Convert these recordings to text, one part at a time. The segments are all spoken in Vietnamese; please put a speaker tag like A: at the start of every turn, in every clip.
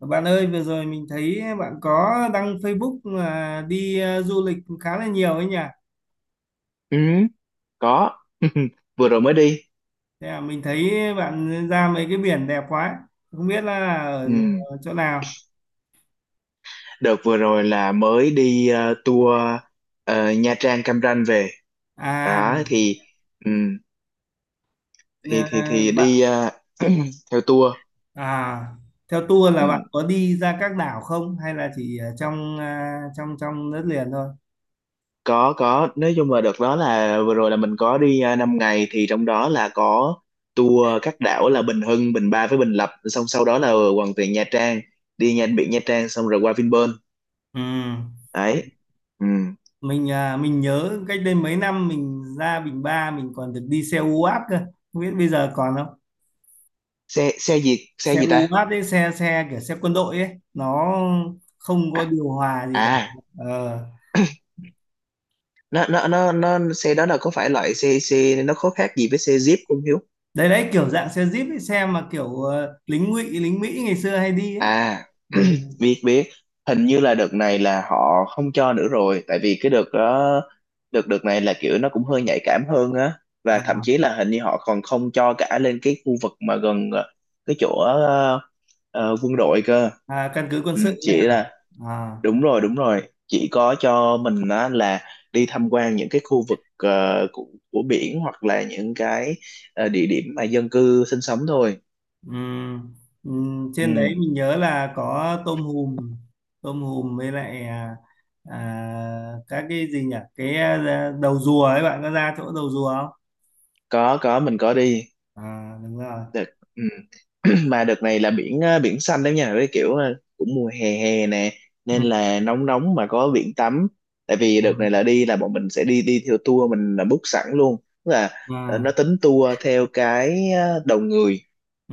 A: Bạn ơi, vừa rồi mình thấy bạn có đăng Facebook là đi du lịch khá là nhiều ấy nhỉ?
B: Ừ, có. Vừa rồi mới đi.
A: Thế à, mình thấy bạn ra mấy cái biển đẹp quá. Không biết là
B: Ừ.
A: ở chỗ nào.
B: Đợt vừa rồi là mới đi tour Nha Trang Cam Ranh về.
A: À,
B: Đó thì ừ, thì
A: à,
B: thì thì
A: bạn
B: đi theo tour.
A: à theo tour
B: Ừ.
A: là bạn có đi ra các đảo không hay là chỉ ở trong trong trong đất liền thôi?
B: Có, nói chung là đợt đó là vừa rồi là mình có đi 5 ngày, thì trong đó là có tour các đảo là Bình Hưng, Bình Ba với Bình Lập, xong sau đó là quần tiền Nha Trang, đi nha biển Nha Trang xong rồi qua Vinpearl.
A: Ừ.
B: Đấy. Ừ.
A: Mình nhớ cách đây mấy năm mình ra Bình Ba mình còn được đi xe UAT cơ. Không biết bây giờ còn không?
B: Xe xe
A: Xe
B: gì ta?
A: u hát ấy, xe xe kiểu xe quân đội ấy nó không có điều hòa gì cả
B: À,
A: ờ.
B: nó xe đó là có phải loại xe xe nó có khác gì với xe Jeep không Hiếu?
A: Đấy đấy kiểu dạng xe Jeep ấy, xe mà kiểu lính ngụy lính Mỹ ngày xưa hay đi ấy
B: À,
A: ừ.
B: biết biết hình như là đợt này là họ không cho nữa rồi, tại vì cái đợt đó đợt đợt này là kiểu nó cũng hơi nhạy cảm hơn á, và
A: À,
B: thậm chí là hình như họ còn không cho cả lên cái khu vực mà gần cái chỗ quân đội cơ.
A: à, căn cứ quân
B: Ừ,
A: sự ấy
B: chỉ
A: hả?
B: là
A: À,
B: đúng rồi, đúng rồi, chị có cho mình á là đi tham quan những cái khu vực của biển hoặc là những cái địa điểm mà dân cư sinh sống thôi.
A: ừ. Ừ.
B: Ừ,
A: Trên đấy mình nhớ là có tôm hùm với lại các cái gì nhỉ, cái đầu rùa ấy, bạn có ra chỗ đầu rùa không?
B: có mình có đi
A: À, đúng rồi.
B: đợt. Ừ. Mà đợt này là biển biển xanh đấy nha, với kiểu cũng mùa hè hè nè,
A: Ừ.
B: nên là nóng nóng mà có biển tắm. Tại vì
A: Ừ.
B: đợt này là đi, là bọn mình sẽ đi đi theo tour, mình là book sẵn luôn, tức là
A: À,
B: nó tính tour theo cái đầu người.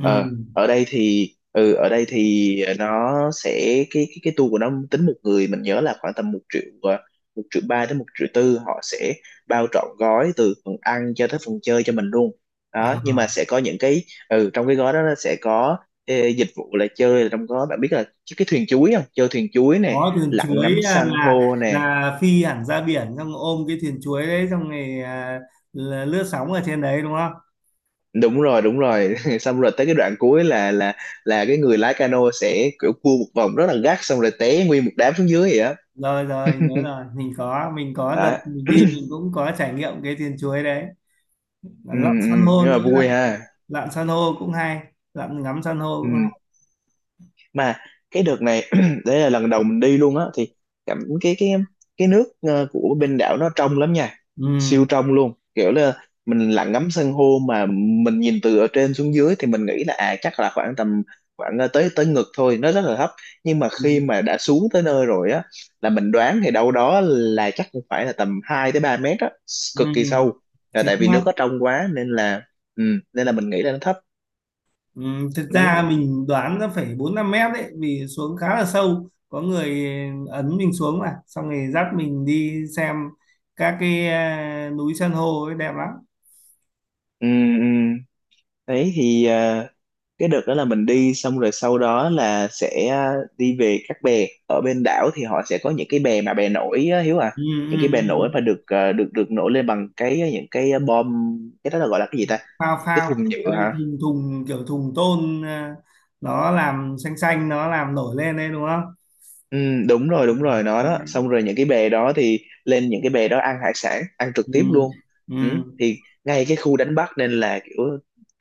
B: Ờ ở đây thì ừ, ở đây thì nó sẽ, cái tour của nó tính một người mình nhớ là khoảng tầm 1 triệu, 1,3 triệu đến 1,4 triệu, họ sẽ bao trọn gói từ phần ăn cho tới phần chơi cho mình luôn. Đó, nhưng mà
A: à
B: sẽ có những cái, ừ, trong cái gói đó nó sẽ có, ê, dịch vụ là chơi, là trong đó bạn biết là chứ cái thuyền chuối, không chơi thuyền chuối nè,
A: có thuyền
B: lặn ngắm
A: chuối à,
B: san
A: là
B: hô nè.
A: là phi hẳn ra biển xong ôm cái thuyền chuối đấy xong rồi là lướt sóng ở trên đấy đúng không?
B: Đúng rồi, đúng rồi. Xong rồi tới cái đoạn cuối là là cái người lái cano sẽ kiểu cua một vòng rất là gắt, xong rồi té nguyên một đám xuống dưới vậy á.
A: Rồi, rồi, nhớ rồi, mình có đợt
B: Đó.
A: mình đi mình cũng có trải nghiệm cái thuyền chuối đấy. Và
B: Ừ,
A: lặn san
B: ừ,
A: hô
B: nhưng mà
A: nữa.
B: vui
A: Lặn
B: ha.
A: lặn san hô cũng hay, lặn ngắm san hô
B: Ừ.
A: cũng hay.
B: Mà cái đợt này, đấy là lần đầu mình đi luôn á, thì cảm cái nước của bên đảo nó trong lắm nha, siêu
A: Ừ,
B: trong luôn, kiểu là mình lặn ngắm san hô mà mình nhìn từ ở trên xuống dưới, thì mình nghĩ là à chắc là khoảng tầm, khoảng tới tới ngực thôi, nó rất là thấp. Nhưng mà khi
A: ừ,
B: mà đã xuống tới nơi rồi á, là mình đoán thì đâu đó là chắc cũng phải là tầm 2 tới 3 mét á,
A: ừ.
B: cực kỳ sâu, là
A: Chính
B: tại vì nước
A: xác.
B: nó trong quá nên là, ừ, nên là mình nghĩ là nó thấp.
A: Ừ, thực
B: Ừ,
A: ra mình đoán nó phải 4 5 mét đấy vì xuống khá là sâu. Có người ấn mình xuống mà xong rồi dắt mình đi xem các cái núi san hô ấy đẹp lắm.
B: ừ, ừ. Đấy thì cái đợt đó là mình đi xong rồi sau đó là sẽ đi về các bè ở bên đảo, thì họ sẽ có những cái bè mà bè nổi á, Hiếu à,
A: Ừ,
B: những cái
A: ừ,
B: bè nổi
A: ừ.
B: mà được được được nổi lên bằng cái những cái bom, cái đó là gọi là cái gì ta,
A: Phao,
B: cái
A: phao.
B: thùng
A: Đây,
B: nhựa hả?
A: thùng thùng kiểu thùng tôn à, nó làm xanh xanh, nó làm nổi lên đấy đúng không?
B: Ừ, đúng rồi, đúng rồi, nó
A: Ừ,
B: đó, xong rồi những cái bè đó thì lên những cái bè đó ăn hải sản, ăn trực
A: ừ,
B: tiếp luôn.
A: ừ.
B: Ừ, thì ngay cái khu đánh bắt nên là kiểu,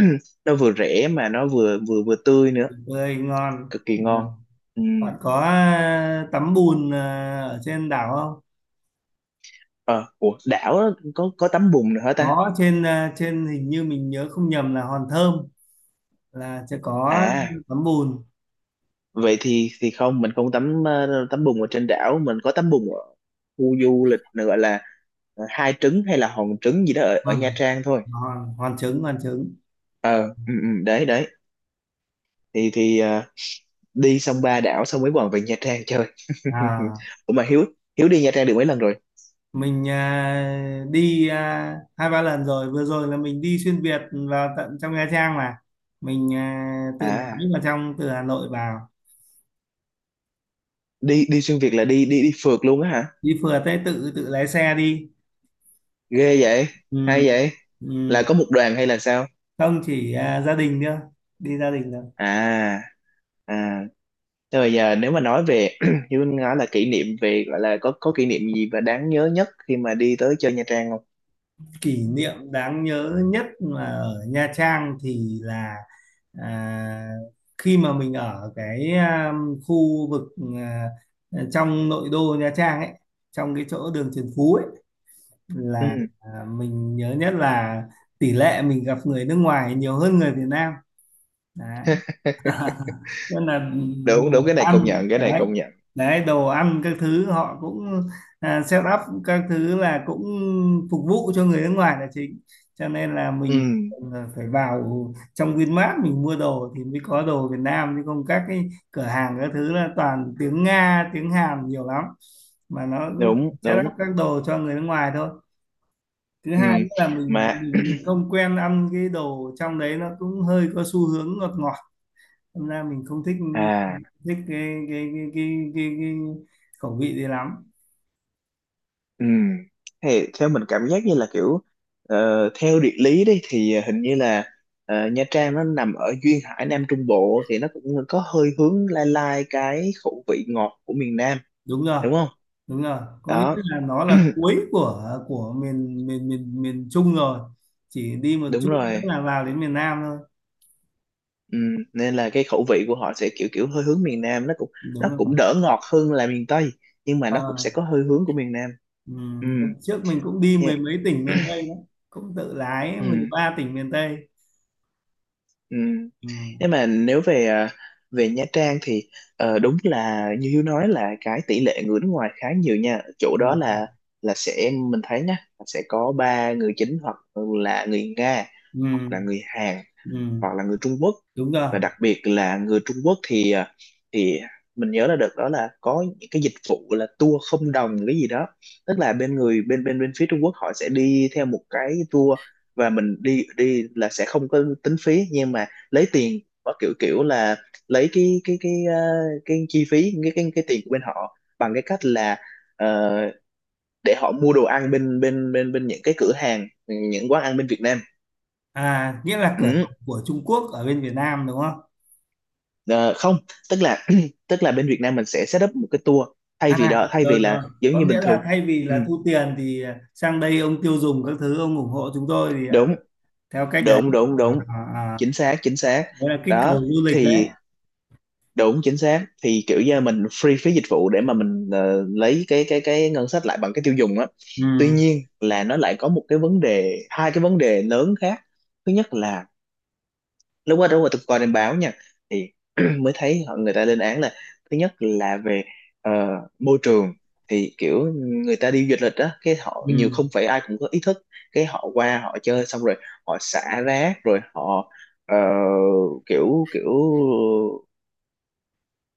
B: nó vừa rẻ mà nó vừa vừa vừa tươi nữa,
A: Tuyệt vời, ngon.
B: cực kỳ
A: À,
B: ngon. Ừ.
A: bạn có tắm bùn ở trên đảo không?
B: Ờ ủa, đảo đó có tắm bùn nữa hả ta?
A: Có. Trên hình như mình nhớ không nhầm là hòn thơm, là sẽ có
B: À,
A: tấm bùn.
B: vậy thì không, mình không tắm tắm bùn ở trên đảo, mình có tắm bùn ở khu du lịch này gọi là hai trứng hay là hòn trứng gì đó, ở,
A: Ngon.
B: Nha Trang thôi.
A: Hòn hòn trứng, hòn trứng.
B: Ờ, ừ, ừ, đấy đấy. Thì đi xong ba đảo xong mới còn về Nha Trang chơi.
A: À,
B: Ủa mà Hiếu Hiếu đi Nha Trang được mấy lần rồi?
A: mình đi hai ba lần rồi, vừa rồi là mình đi xuyên Việt, vào tận trong Nha Trang mà. Mình tự lái
B: À,
A: vào trong từ Hà Nội vào.
B: đi đi xuyên Việt là đi đi đi phượt luôn á hả?
A: Đi phượt, tới tự tự lái xe đi.
B: Ghê vậy,
A: Ừ.
B: hay vậy, là
A: Ừ.
B: có một đoàn hay là sao?
A: Không, chỉ gia đình nữa, đi gia đình nữa.
B: À, à. Rồi giờ nếu mà nói về như Vinh nói là kỷ niệm về, gọi là có kỷ niệm gì mà đáng nhớ nhất khi mà đi tới chơi Nha Trang không?
A: Kỷ niệm đáng nhớ nhất mà ở Nha Trang thì là à, khi mà mình ở cái khu vực à, trong nội đô Nha Trang ấy, trong cái chỗ đường Trần Phú ấy,
B: Ừ,
A: là mình nhớ nhất là tỷ lệ mình gặp người nước ngoài nhiều hơn người Việt Nam. Đấy. Nên là
B: đúng đúng, cái này công
A: ăn
B: nhận, cái này
A: đấy,
B: công nhận.
A: đấy đồ ăn các thứ họ cũng set up các thứ là cũng phục vụ cho người nước ngoài là chính, cho nên là mình
B: Ừ,
A: phải vào trong Vinmart mình mua đồ thì mới có đồ Việt Nam, chứ không các cái cửa hàng các thứ là toàn tiếng Nga tiếng Hàn nhiều lắm, mà nó
B: đúng
A: set
B: đúng.
A: up các đồ cho người nước ngoài thôi. Thứ
B: Ừ,
A: hai nữa là mình
B: mà
A: mình, mình không quen ăn cái đồ trong đấy, nó cũng hơi có xu hướng ngọt ngọt. Hôm nay mình không thích,
B: à,
A: thích cái khẩu vị đấy lắm.
B: ừ. Thì theo mình cảm giác như là kiểu theo địa lý đi thì hình như là Nha Trang nó nằm ở duyên hải Nam Trung Bộ, thì nó cũng có hơi hướng lai lai cái khẩu vị ngọt của miền Nam,
A: Đúng rồi,
B: đúng không?
A: đúng rồi, có nghĩa
B: Đó.
A: là nó là cuối của miền miền miền miền Trung rồi, chỉ đi một
B: Đúng
A: chút nữa
B: rồi.
A: là vào đến miền Nam thôi.
B: Ừ, nên là cái khẩu vị của họ sẽ kiểu kiểu hơi hướng miền Nam,
A: Đúng
B: nó cũng
A: rồi.
B: đỡ ngọt hơn là miền Tây, nhưng mà nó cũng sẽ
A: À,
B: có hơi hướng của miền Nam.
A: ừ.
B: Ừ.
A: Hôm trước mình cũng đi
B: Yeah.
A: mười mấy tỉnh miền Tây đó, cũng tự lái mười
B: Ừ,
A: ba tỉnh miền Tây.
B: ừ,
A: Ừ,
B: nhưng mà nếu về về Nha Trang thì đúng là như Hiếu nói, là cái tỷ lệ người nước ngoài khá nhiều nha, chỗ
A: ừ,
B: đó là, sẽ mình thấy nhá, là sẽ có ba người chính, hoặc là người Nga, hoặc
A: ừ,
B: là người Hàn,
A: ừ.
B: hoặc là người Trung Quốc.
A: Đúng rồi.
B: Và đặc biệt là người Trung Quốc thì thì mình nhớ là đợt đó là có những cái dịch vụ là tour không đồng cái gì đó, tức là bên người bên bên bên phía Trung Quốc họ sẽ đi theo một cái tour, và mình đi đi là sẽ không có tính phí, nhưng mà lấy tiền có kiểu kiểu là lấy cái cái cái chi phí, cái cái tiền của bên họ, bằng cái cách là ờ, để họ mua đồ ăn bên bên những cái cửa hàng, những quán ăn bên Việt Nam.
A: À, nghĩa là cửa
B: Ừ.
A: hàng của Trung Quốc ở bên Việt Nam đúng.
B: Ờ, không, tức là tức là bên Việt Nam mình sẽ set up một cái tour, thay vì
A: À,
B: đó, thay
A: rồi
B: vì là
A: rồi.
B: giống
A: Có
B: như bình
A: nghĩa là
B: thường.
A: thay vì
B: Ừ,
A: là thu tiền thì sang đây ông tiêu dùng các thứ, ông ủng hộ chúng tôi thì
B: đúng
A: theo cách đấy.
B: đúng đúng
A: À,
B: đúng,
A: à, à.
B: chính xác chính xác.
A: Đấy là kích
B: Đó
A: cầu du lịch đấy.
B: thì đúng chính xác, thì kiểu như mình free phí dịch vụ để mà mình lấy cái cái ngân sách lại bằng cái tiêu dùng á.
A: Ừ,
B: Tuy nhiên là nó lại có một cái vấn đề, hai cái vấn đề lớn khác. Thứ nhất là đúng rồi, đúng rồi, tôi coi trên báo nha, thì mới thấy người ta lên án là, thứ nhất là về ờ, môi trường, thì kiểu người ta đi du lịch đó, cái họ nhiều
A: ừ.
B: không phải ai cũng có ý thức, cái họ qua họ chơi xong rồi họ xả rác rồi họ ờ, kiểu kiểu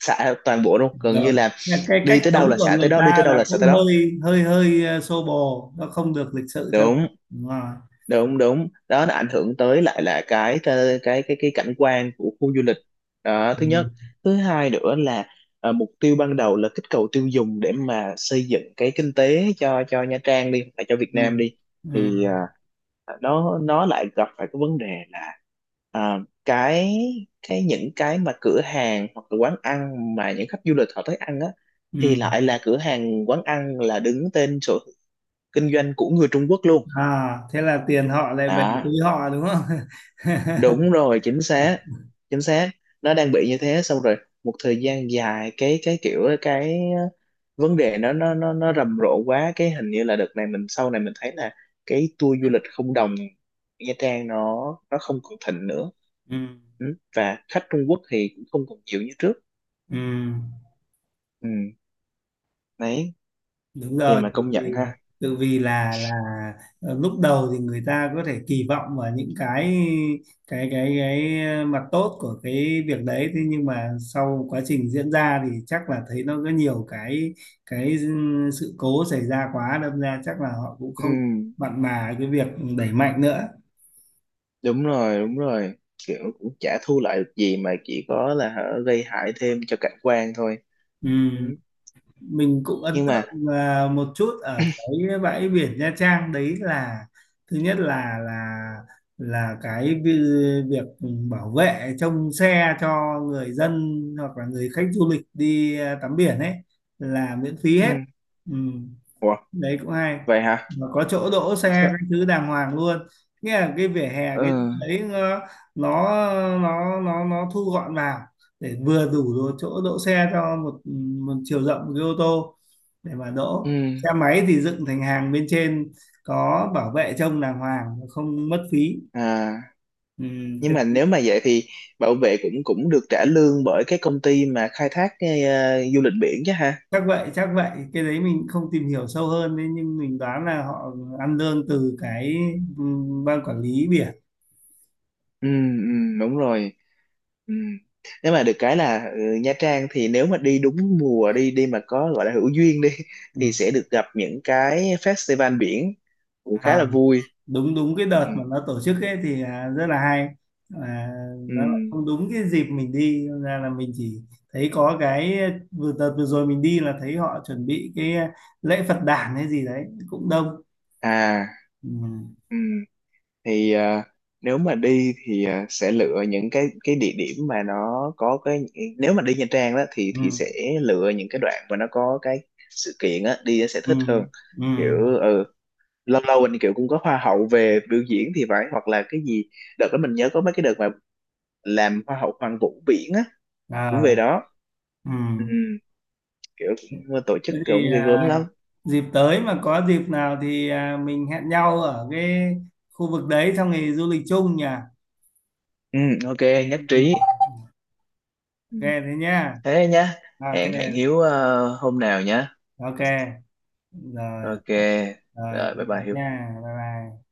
B: xả toàn bộ luôn, gần như
A: Rồi.
B: là
A: Nhưng mà cái cách
B: đi tới
A: sống
B: đâu là
A: của
B: xả tới
A: người
B: đó, đi tới
A: ta
B: đâu
A: là
B: là xả tới
A: cũng
B: đó,
A: hơi hơi hơi xô bồ, nó không được lịch sự cho.
B: đúng
A: Đúng rồi.
B: đúng đúng. Đó, nó ảnh hưởng tới lại là cái cảnh quan của khu du lịch, đó
A: Ừ,
B: thứ nhất. Thứ hai nữa là mục tiêu ban đầu là kích cầu tiêu dùng để mà xây dựng cái kinh tế cho Nha Trang đi và cho Việt Nam
A: ừ,
B: đi,
A: ừ,
B: thì nó lại gặp phải cái vấn đề là, ờ, cái những cái mà cửa hàng hoặc là quán ăn mà những khách du lịch họ tới ăn á, thì
A: ừ.
B: lại là cửa hàng quán ăn là đứng tên sổ kinh doanh của người Trung Quốc luôn.
A: À, thế là tiền họ lại về túi
B: Đó,
A: họ đúng không?
B: đúng rồi, chính xác, chính xác, nó đang bị như thế. Xong rồi một thời gian dài, cái kiểu cái vấn đề nó rầm rộ quá, cái hình như là đợt này mình, sau này mình thấy là cái tour du lịch không đồng Nha Trang nó, không còn thịnh nữa.
A: Ừ,
B: Ừ. Và khách Trung Quốc thì cũng không còn nhiều như trước.
A: ừ.
B: Ừ. Đấy,
A: Đúng
B: thì
A: rồi,
B: mà
A: tự
B: công nhận
A: vì,
B: ha.
A: tự vì là lúc đầu thì người ta có thể kỳ vọng vào những cái mặt tốt của cái việc đấy, thế nhưng mà sau quá trình diễn ra thì chắc là thấy nó có nhiều cái sự cố xảy ra quá, đâm ra chắc là họ cũng
B: Ừ.
A: không mặn mà cái việc đẩy mạnh nữa.
B: Đúng rồi, đúng rồi, kiểu cũng chả thu lại được gì mà chỉ có là gây hại thêm cho cảnh quan thôi.
A: Ừ.
B: Ừ.
A: Mình cũng ấn
B: Nhưng mà,
A: tượng một chút ở cái bãi biển Nha Trang đấy là thứ nhất là là cái việc bảo vệ trông xe cho người dân hoặc là người khách du lịch đi tắm biển ấy là miễn phí
B: ừ.
A: hết. Ừ, đấy cũng hay,
B: Vậy hả?
A: mà có chỗ đỗ xe
B: Sợ-
A: các thứ đàng hoàng luôn, nghĩa là cái vỉa hè
B: ờ
A: cái đấy nó nó thu gọn vào để vừa đủ chỗ đỗ xe cho một một chiều rộng của cái ô tô, để mà đỗ
B: ừ,
A: xe máy thì dựng thành hàng bên trên, có bảo vệ trông đàng hoàng không mất phí.
B: à,
A: Ừ,
B: nhưng
A: cái,
B: mà nếu mà vậy thì bảo vệ cũng cũng được trả lương bởi cái công ty mà khai thác cái du lịch biển chứ ha.
A: chắc vậy, chắc vậy, cái đấy mình không tìm hiểu sâu hơn đấy nhưng mình đoán là họ ăn lương từ cái, ừ, ban quản lý biển.
B: Ừ, ừ, đúng rồi. Ừ. Nếu mà được cái là ừ, Nha Trang thì nếu mà đi đúng mùa đi, đi mà có gọi là hữu duyên đi, thì
A: Ừ.
B: sẽ được gặp những cái festival biển, cũng khá
A: À,
B: là vui.
A: đúng đúng, cái
B: Ừ,
A: đợt mà nó tổ chức ấy thì rất là hay. à, nó lại
B: ừ.
A: không đúng cái dịp mình đi nên ra là mình chỉ thấy có cái vừa đợt vừa rồi mình đi là thấy họ chuẩn bị cái lễ Phật đản hay gì đấy cũng đông.
B: À,
A: Ừ.
B: ừ. Thì nếu mà đi thì sẽ lựa những cái địa điểm mà nó có cái, nếu mà đi Nha Trang đó thì
A: Ừ.
B: sẽ lựa những cái đoạn mà nó có cái sự kiện á đi, sẽ
A: Ừ.
B: thích hơn.
A: Ừ.
B: Kiểu ừ, lâu lâu mình kiểu cũng có hoa hậu về biểu diễn thì phải, hoặc là cái gì, đợt đó mình nhớ có mấy cái đợt mà làm hoa hậu Hoàng Vũ Biển á, họ cũng về
A: À.
B: đó.
A: Ừ.
B: Ừ, kiểu cũng tổ
A: Thế
B: chức
A: thì
B: cũng ghê gớm lắm.
A: dịp tới mà có dịp nào thì mình hẹn nhau ở cái khu vực đấy xong thì du lịch chung nhỉ.
B: Ừ, ok, nhất
A: Ừ.
B: trí.
A: OK,
B: Ừ,
A: thế nhá.
B: thế nhá,
A: OK.
B: hẹn hẹn Hiếu hôm nào nhá.
A: OK. Rồi.
B: Ok,
A: Rồi.
B: rồi, bye bye Hiếu.
A: Nha, bye bye.